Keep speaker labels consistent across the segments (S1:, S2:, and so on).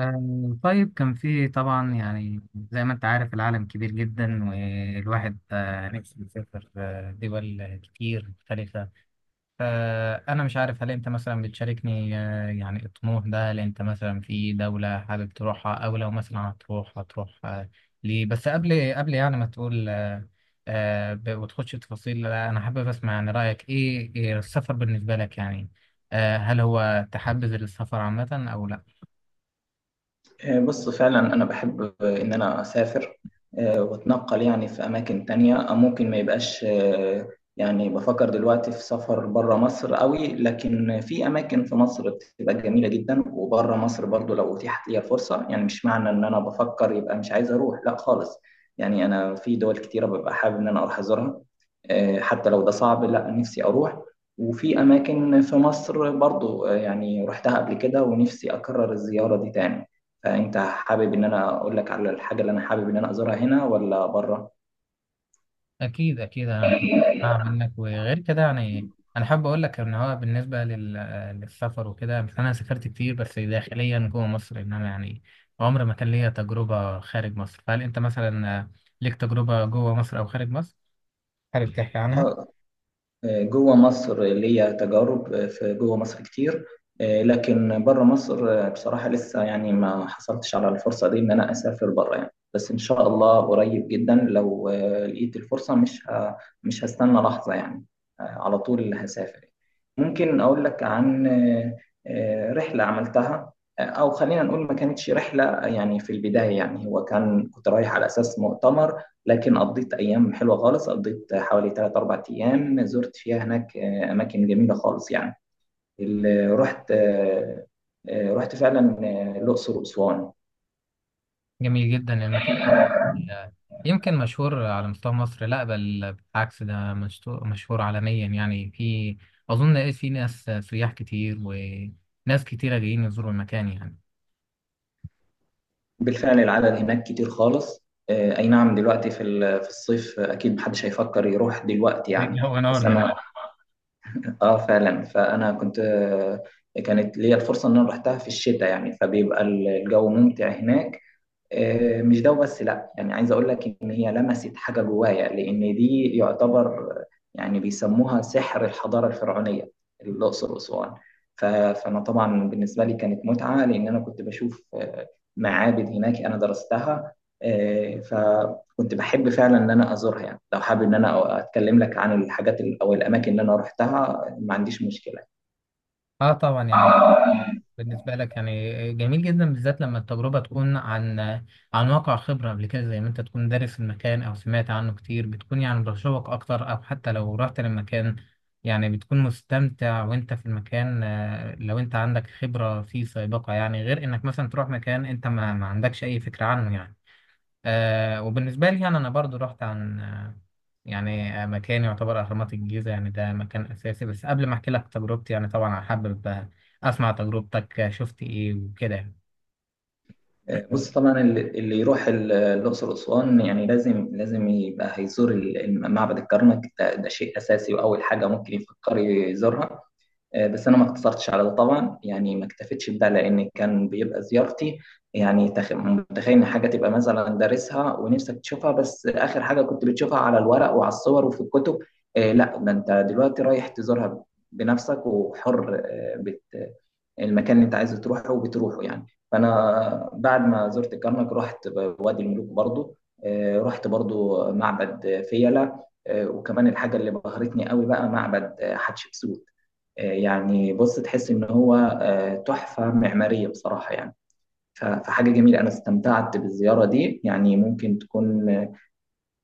S1: طيب كان في طبعا يعني زي ما انت عارف العالم كبير جدا والواحد نفسه يسافر دول كتير مختلفة. فأنا مش عارف هل انت مثلا بتشاركني يعني الطموح ده؟ هل انت مثلا في دولة حابب تروحها، أو لو مثلا هتروح هتروح، ليه؟ بس قبل يعني ما تقول وتخش تفاصيل، لا، أنا حابب أسمع يعني رأيك، إيه السفر بالنسبة لك يعني؟ هل هو تحبذ السفر عامة أو لا؟
S2: بص فعلا أنا بحب إن أنا أسافر، وأتنقل يعني في أماكن تانية أو ممكن ما يبقاش. يعني بفكر دلوقتي في سفر بره مصر قوي، لكن في أماكن في مصر بتبقى جميلة جدا، وبره مصر برضو لو أتيحت لي الفرصة. يعني مش معنى إن أنا بفكر يبقى مش عايز أروح، لا خالص. يعني أنا في دول كتيرة ببقى حابب إن أنا أروح أزورها، حتى لو ده صعب، لا نفسي أروح. وفي أماكن في مصر برضو، يعني رحتها قبل كده ونفسي أكرر الزيارة دي تاني. فانت حابب ان انا اقول لك على الحاجه اللي انا حابب ان انا ازورها هنا ولا بره؟
S1: أكيد أكيد، أنا هسمع منك. وغير كده يعني أنا حابب أقول لك إن هو بالنسبة للسفر وكده. بس أنا سافرت كتير بس داخليا جوه مصر، إنما يعني عمر ما كان ليا تجربة خارج مصر. فهل أنت مثلا ليك تجربة جوه مصر أو خارج مصر حابب تحكي عنها؟
S2: اه، جوه مصر ليا تجارب، في جوه مصر كتير. لكن بره مصر، بصراحة لسه يعني ما حصلتش على الفرصة دي إن أنا أسافر بره يعني، بس إن شاء الله قريب جدا لو لقيت الفرصة، مش هستنى لحظة يعني. على طول هسافر. ممكن أقول لك عن رحلة عملتها، أو خلينا نقول ما كانتش رحلة يعني. في البداية يعني هو كان كنت رايح على أساس مؤتمر، لكن قضيت أيام حلوة خالص، قضيت حوالي 3 4 أيام زرت فيها هناك أماكن جميلة خالص يعني. رحت رحت فعلا الأقصر وأسوان.
S1: جميل جدا المكان ده، يمكن مشهور على مستوى مصر؟ لا، بل بالعكس، ده مشهور عالميا يعني. في أظن إيه، في ناس سياح كتير وناس كتيرة جايين يزوروا المكان يعني.
S2: بالفعل العدد هناك كتير خالص. أي نعم، دلوقتي في في الصيف أكيد محدش هيفكر يروح دلوقتي يعني.
S1: هو نور
S2: بس أنا،
S1: دلوقتي.
S2: فعلا فأنا كنت كانت ليا الفرصة إن أنا رحتها في الشتاء يعني، فبيبقى الجو ممتع هناك. مش ده وبس لا، يعني عايز اقول لك ان هي لمست حاجه جوايا، لان دي يعتبر يعني بيسموها سحر الحضاره الفرعونيه. الاقصر واسوان. فانا طبعا بالنسبه لي كانت متعه، لان انا كنت بشوف معابد هناك انا درستها. فكنت بحب فعلا ان انا ازورها يعني. لو حابب ان انا اتكلم لك عن او الاماكن اللي انا رحتها ما عنديش مشكله.
S1: اه طبعا يعني بالنسبة لك يعني جميل جدا، بالذات لما التجربة تكون عن عن واقع خبرة قبل كده، زي ما انت تكون دارس المكان او سمعت عنه كتير، بتكون يعني بتشوق اكتر. او حتى لو رحت للمكان يعني بتكون مستمتع وانت في المكان لو انت عندك خبرة فيه سابقة يعني، غير انك مثلا تروح مكان انت ما عندكش اي فكرة عنه يعني. آه وبالنسبة لي يعني أنا برضو رحت عن آه يعني آه مكان يعتبر أهرامات الجيزة، يعني ده مكان أساسي. بس قبل ما أحكي لك تجربتي يعني طبعا أنا حابب أسمع تجربتك شفت إيه وكده يعني.
S2: بص طبعا اللي يروح الأقصر وأسوان يعني لازم لازم يبقى هيزور معبد الكرنك، ده شيء أساسي وأول حاجة ممكن يفكر يزورها. بس انا ما اقتصرتش على ده طبعا، يعني ما اكتفيتش بده، لان كان بيبقى زيارتي يعني. متخيل ان حاجه تبقى مثلا دارسها ونفسك تشوفها، بس اخر حاجه كنت بتشوفها على الورق وعلى الصور وفي الكتب. لا ده انت دلوقتي رايح تزورها بنفسك وحر، آه، بت المكان اللي انت عايز تروحه وبتروحه يعني. فانا بعد ما زرت الكرنك رحت وادي الملوك برضو. رحت برضو معبد فيلة. وكمان الحاجه اللي بهرتني قوي بقى معبد حتشبسوت. يعني بص تحس إن هو تحفة معمارية بصراحة يعني. فحاجة جميلة، أنا استمتعت بالزيارة دي يعني. ممكن تكون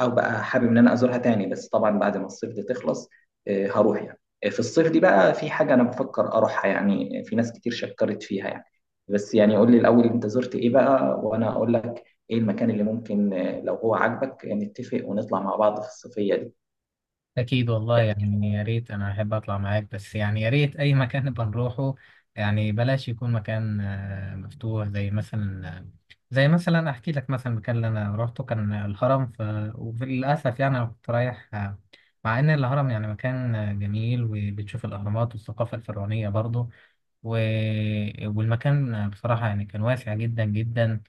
S2: أو بقى حابب إن أنا أزورها تاني، بس طبعا بعد ما الصيف ده تخلص. هروح يعني. في الصيف دي بقى في حاجة أنا بفكر أروحها يعني، في ناس كتير شكرت فيها يعني. بس يعني قول لي الأول أنت زرت إيه بقى، وأنا أقول لك إيه المكان اللي ممكن لو هو عاجبك نتفق ونطلع مع بعض في الصيفية دي.
S1: أكيد والله يعني، يا ريت أنا أحب أطلع معاك، بس يعني يا ريت أي مكان نبقى نروحه. يعني بلاش يكون مكان مفتوح، زي مثلا زي مثلا أحكي لك. مثلا المكان اللي أنا روحته كان الهرم ف... وللأسف يعني أنا كنت رايح مع إن الهرم يعني مكان جميل، وبتشوف الأهرامات والثقافة الفرعونية برضه و... والمكان بصراحة يعني كان واسع جدا جدا.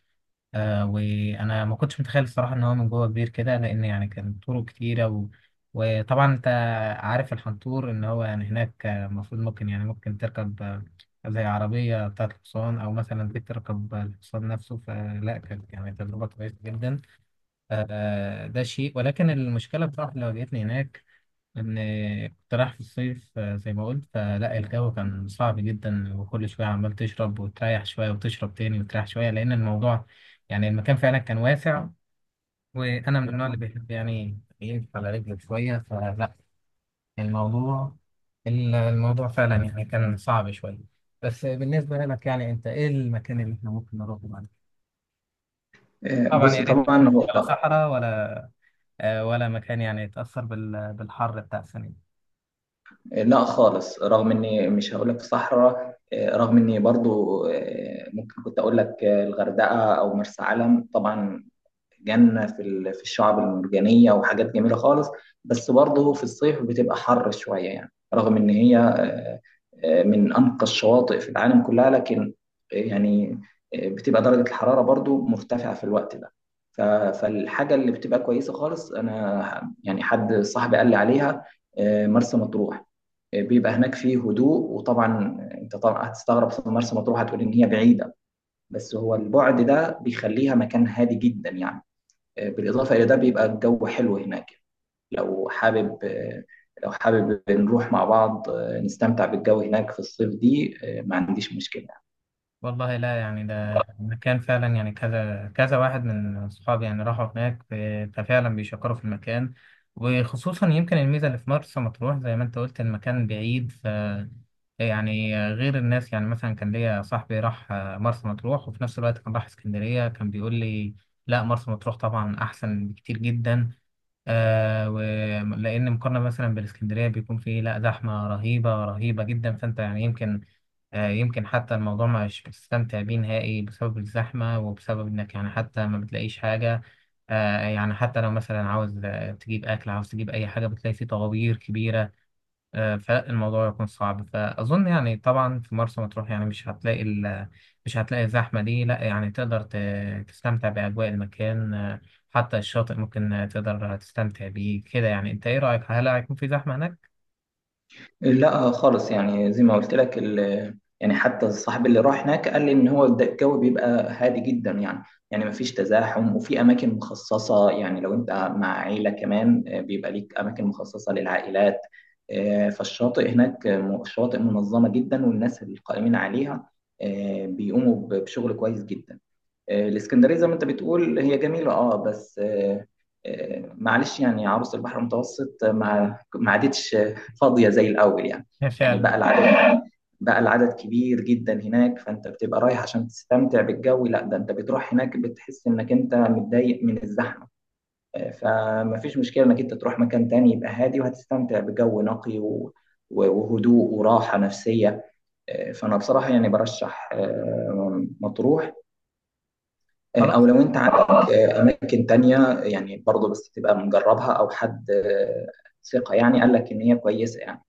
S1: آه وانا ما كنتش متخيل الصراحه ان هو من جوه كبير كده، لان يعني كان طرق كتيره و... وطبعا انت عارف الحنطور، ان هو يعني هناك المفروض ممكن يعني ممكن تركب زي عربيه بتاعه الحصان، او مثلا بيك تركب الحصان نفسه، فلا كانت يعني تجربه كويسه جدا. آه ده شيء. ولكن المشكله بصراحه اللي واجهتني هناك ان كنت رايح في الصيف، زي ما قلت، فلا الجو كان صعب جدا. وكل شويه عمال تشرب وتريح شويه وتشرب تاني وتريح شويه، لان الموضوع يعني المكان فعلا كان واسع. وانا من النوع اللي بيحب يعني يقف على رجله شويه، فلا الموضوع الموضوع فعلا يعني كان صعب شويه. بس بالنسبه لك يعني انت ايه المكان اللي احنا ممكن نروحه بعد كده؟
S2: آه،
S1: طبعا
S2: بص
S1: يا ريت
S2: طبعا
S1: مش
S2: هو
S1: ولا صحراء ولا ولا مكان يعني يتاثر بالحر بتاع السنه دي.
S2: لا خالص، رغم اني مش هقول لك صحراء، رغم اني برضو ممكن كنت اقول لك الغردقه او مرسى علم، طبعا جنة في في الشعب المرجانية وحاجات جميلة خالص. بس برضه في الصيف بتبقى حر شوية يعني، رغم إن هي من أنقى الشواطئ في العالم كلها. لكن آه، يعني بتبقى درجة الحرارة برضه مرتفعة في الوقت ده. ف- فالحاجة اللي بتبقى كويسة خالص، أنا يعني حد صاحبي قال لي عليها مرسى مطروح. بيبقى هناك فيه هدوء، وطبعا انت طبعا هتستغرب في مرسى مطروح، هتقول ان هي بعيده. بس هو البعد ده بيخليها مكان هادي جدا يعني. بالاضافه الى ده بيبقى الجو حلو هناك. لو حابب لو حابب نروح مع بعض نستمتع بالجو هناك في الصيف دي، ما عنديش مشكله.
S1: والله لا يعني ده مكان فعلا يعني كذا كذا واحد من أصحابي يعني راحوا هناك ففعلا بيشكروا في المكان. وخصوصا يمكن الميزة اللي في مرسى مطروح، زي ما أنت قلت، المكان بعيد ف يعني غير الناس يعني. مثلا كان ليا صاحبي راح مرسى مطروح وفي نفس الوقت كان راح اسكندرية، كان بيقول لي لا مرسى مطروح طبعا أحسن بكتير جدا. آه، ولأن مقارنة مثلا بالإسكندرية بيكون فيه لا زحمة رهيبة رهيبة جدا، فأنت يعني يمكن آه يمكن حتى الموضوع مش بتستمتع بيه نهائي بسبب الزحمة، وبسبب إنك يعني حتى ما بتلاقيش حاجة. آه يعني حتى لو مثلا عاوز تجيب أكل، عاوز تجيب أي حاجة بتلاقي فيه طوابير كبيرة فالموضوع يكون صعب. فأظن يعني طبعا في مرسى مطروح يعني مش هتلاقي ال... مش هتلاقي الزحمة دي، لا يعني تقدر ت... تستمتع بأجواء المكان حتى الشاطئ ممكن تقدر تستمتع بيه كده يعني. أنت إيه رأيك، هل هيكون في زحمة هناك؟
S2: لا خالص، يعني زي ما قلت لك يعني حتى الصاحب اللي راح هناك قال لي ان هو الجو بيبقى هادي جدا يعني. يعني مفيش تزاحم، وفي اماكن مخصصه يعني لو انت مع عيله كمان بيبقى ليك اماكن مخصصه للعائلات. فالشاطئ هناك شواطئ منظمه جدا، والناس القائمين عليها بيقوموا بشغل كويس جدا. الاسكندريه زي ما انت بتقول هي جميله اه، بس معلش يعني عروس البحر المتوسط ما عادتش فاضيه زي الاول يعني.
S1: هي
S2: يعني
S1: فعلا.
S2: بقى العدد كبير جدا هناك، فانت بتبقى رايح عشان تستمتع بالجو، لا ده انت بتروح هناك بتحس انك انت متضايق من الزحمه. فما فيش مشكله انك انت تروح مكان تاني يبقى هادي، وهتستمتع بجو نقي وهدوء وراحه نفسيه. فانا بصراحه يعني برشح مطروح، او
S1: خلاص.
S2: لو انت عندك اماكن تانية يعني برضه، بس تبقى مجربها او حد ثقة يعني قال لك ان هي كويسة يعني،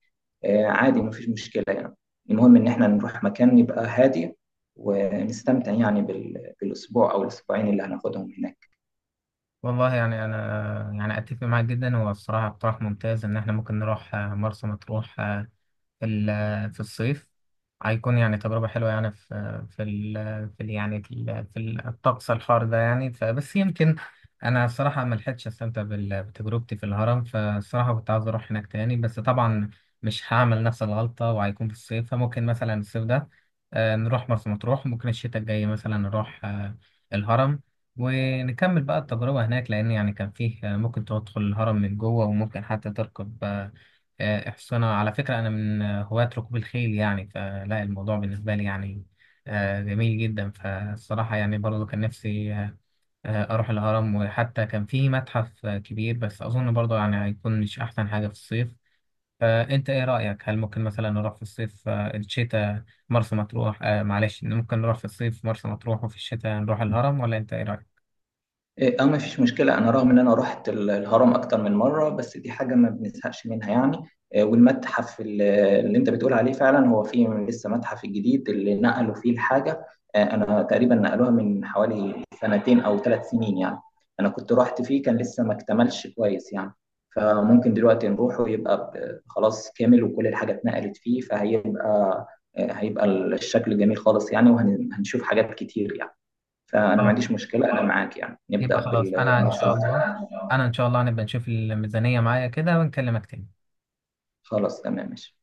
S2: عادي مفيش مشكلة يعني. المهم ان احنا نروح مكان يبقى هادي، ونستمتع يعني بالاسبوع او الاسبوعين اللي هناخدهم هناك.
S1: والله يعني أنا يعني أتفق معاك جدا، هو الصراحة اقتراح ممتاز إن إحنا ممكن نروح مرسى مطروح في في الصيف، هيكون يعني تجربة حلوة يعني في في ال في ال يعني في, ال في ال- الطقس الحار ده يعني. فبس يمكن أنا الصراحة ما لحقتش أستمتع بتجربتي في الهرم، فالصراحة كنت عاوز أروح هناك تاني، بس طبعا مش هعمل نفس الغلطة وهيكون في الصيف. فممكن مثلا الصيف ده نروح مرسى مطروح، ممكن الشتاء الجاي مثلا نروح الهرم. ونكمل بقى التجربة هناك، لأن يعني كان فيه ممكن تدخل الهرم من جوه وممكن حتى تركب احسن. أنا على فكرة أنا من هواة ركوب الخيل يعني، فلا الموضوع بالنسبة لي يعني جميل جدا. فالصراحة يعني برضه كان نفسي أروح الهرم. وحتى كان في متحف كبير، بس أظن برضه يعني هيكون مش أحسن حاجة في الصيف. فأنت إيه رأيك، هل ممكن مثلا نروح في الصيف الشتاء مرسى مطروح؟ معلش ممكن نروح في الصيف مرسى مطروح وفي الشتاء نروح الهرم، ولا أنت إيه رأيك؟
S2: إيه، اه مفيش مشكلة. أنا رغم إن أنا رحت الهرم أكتر من مرة، بس دي حاجة ما بنزهقش منها يعني. والمتحف اللي أنت بتقول عليه، فعلا هو فيه لسه متحف الجديد اللي نقلوا فيه الحاجة. أنا تقريبا نقلوها من حوالي 2 أو 3 سنين يعني. أنا كنت رحت فيه كان لسه ما اكتملش كويس يعني. فممكن دلوقتي نروح ويبقى خلاص كامل، وكل الحاجة اتنقلت فيه، فهيبقى هيبقى الشكل جميل خالص يعني، وهنشوف حاجات كتير يعني. فأنا ما
S1: خلاص.
S2: عنديش مشكلة، أنا معاك يعني نبدأ
S1: يبقى خلاص أنا إن شاء
S2: بالمصروف.
S1: الله، أنا إن شاء الله هنبقى نشوف الميزانية معايا كده ونكلمك تاني.
S2: خلاص تمام ماشي.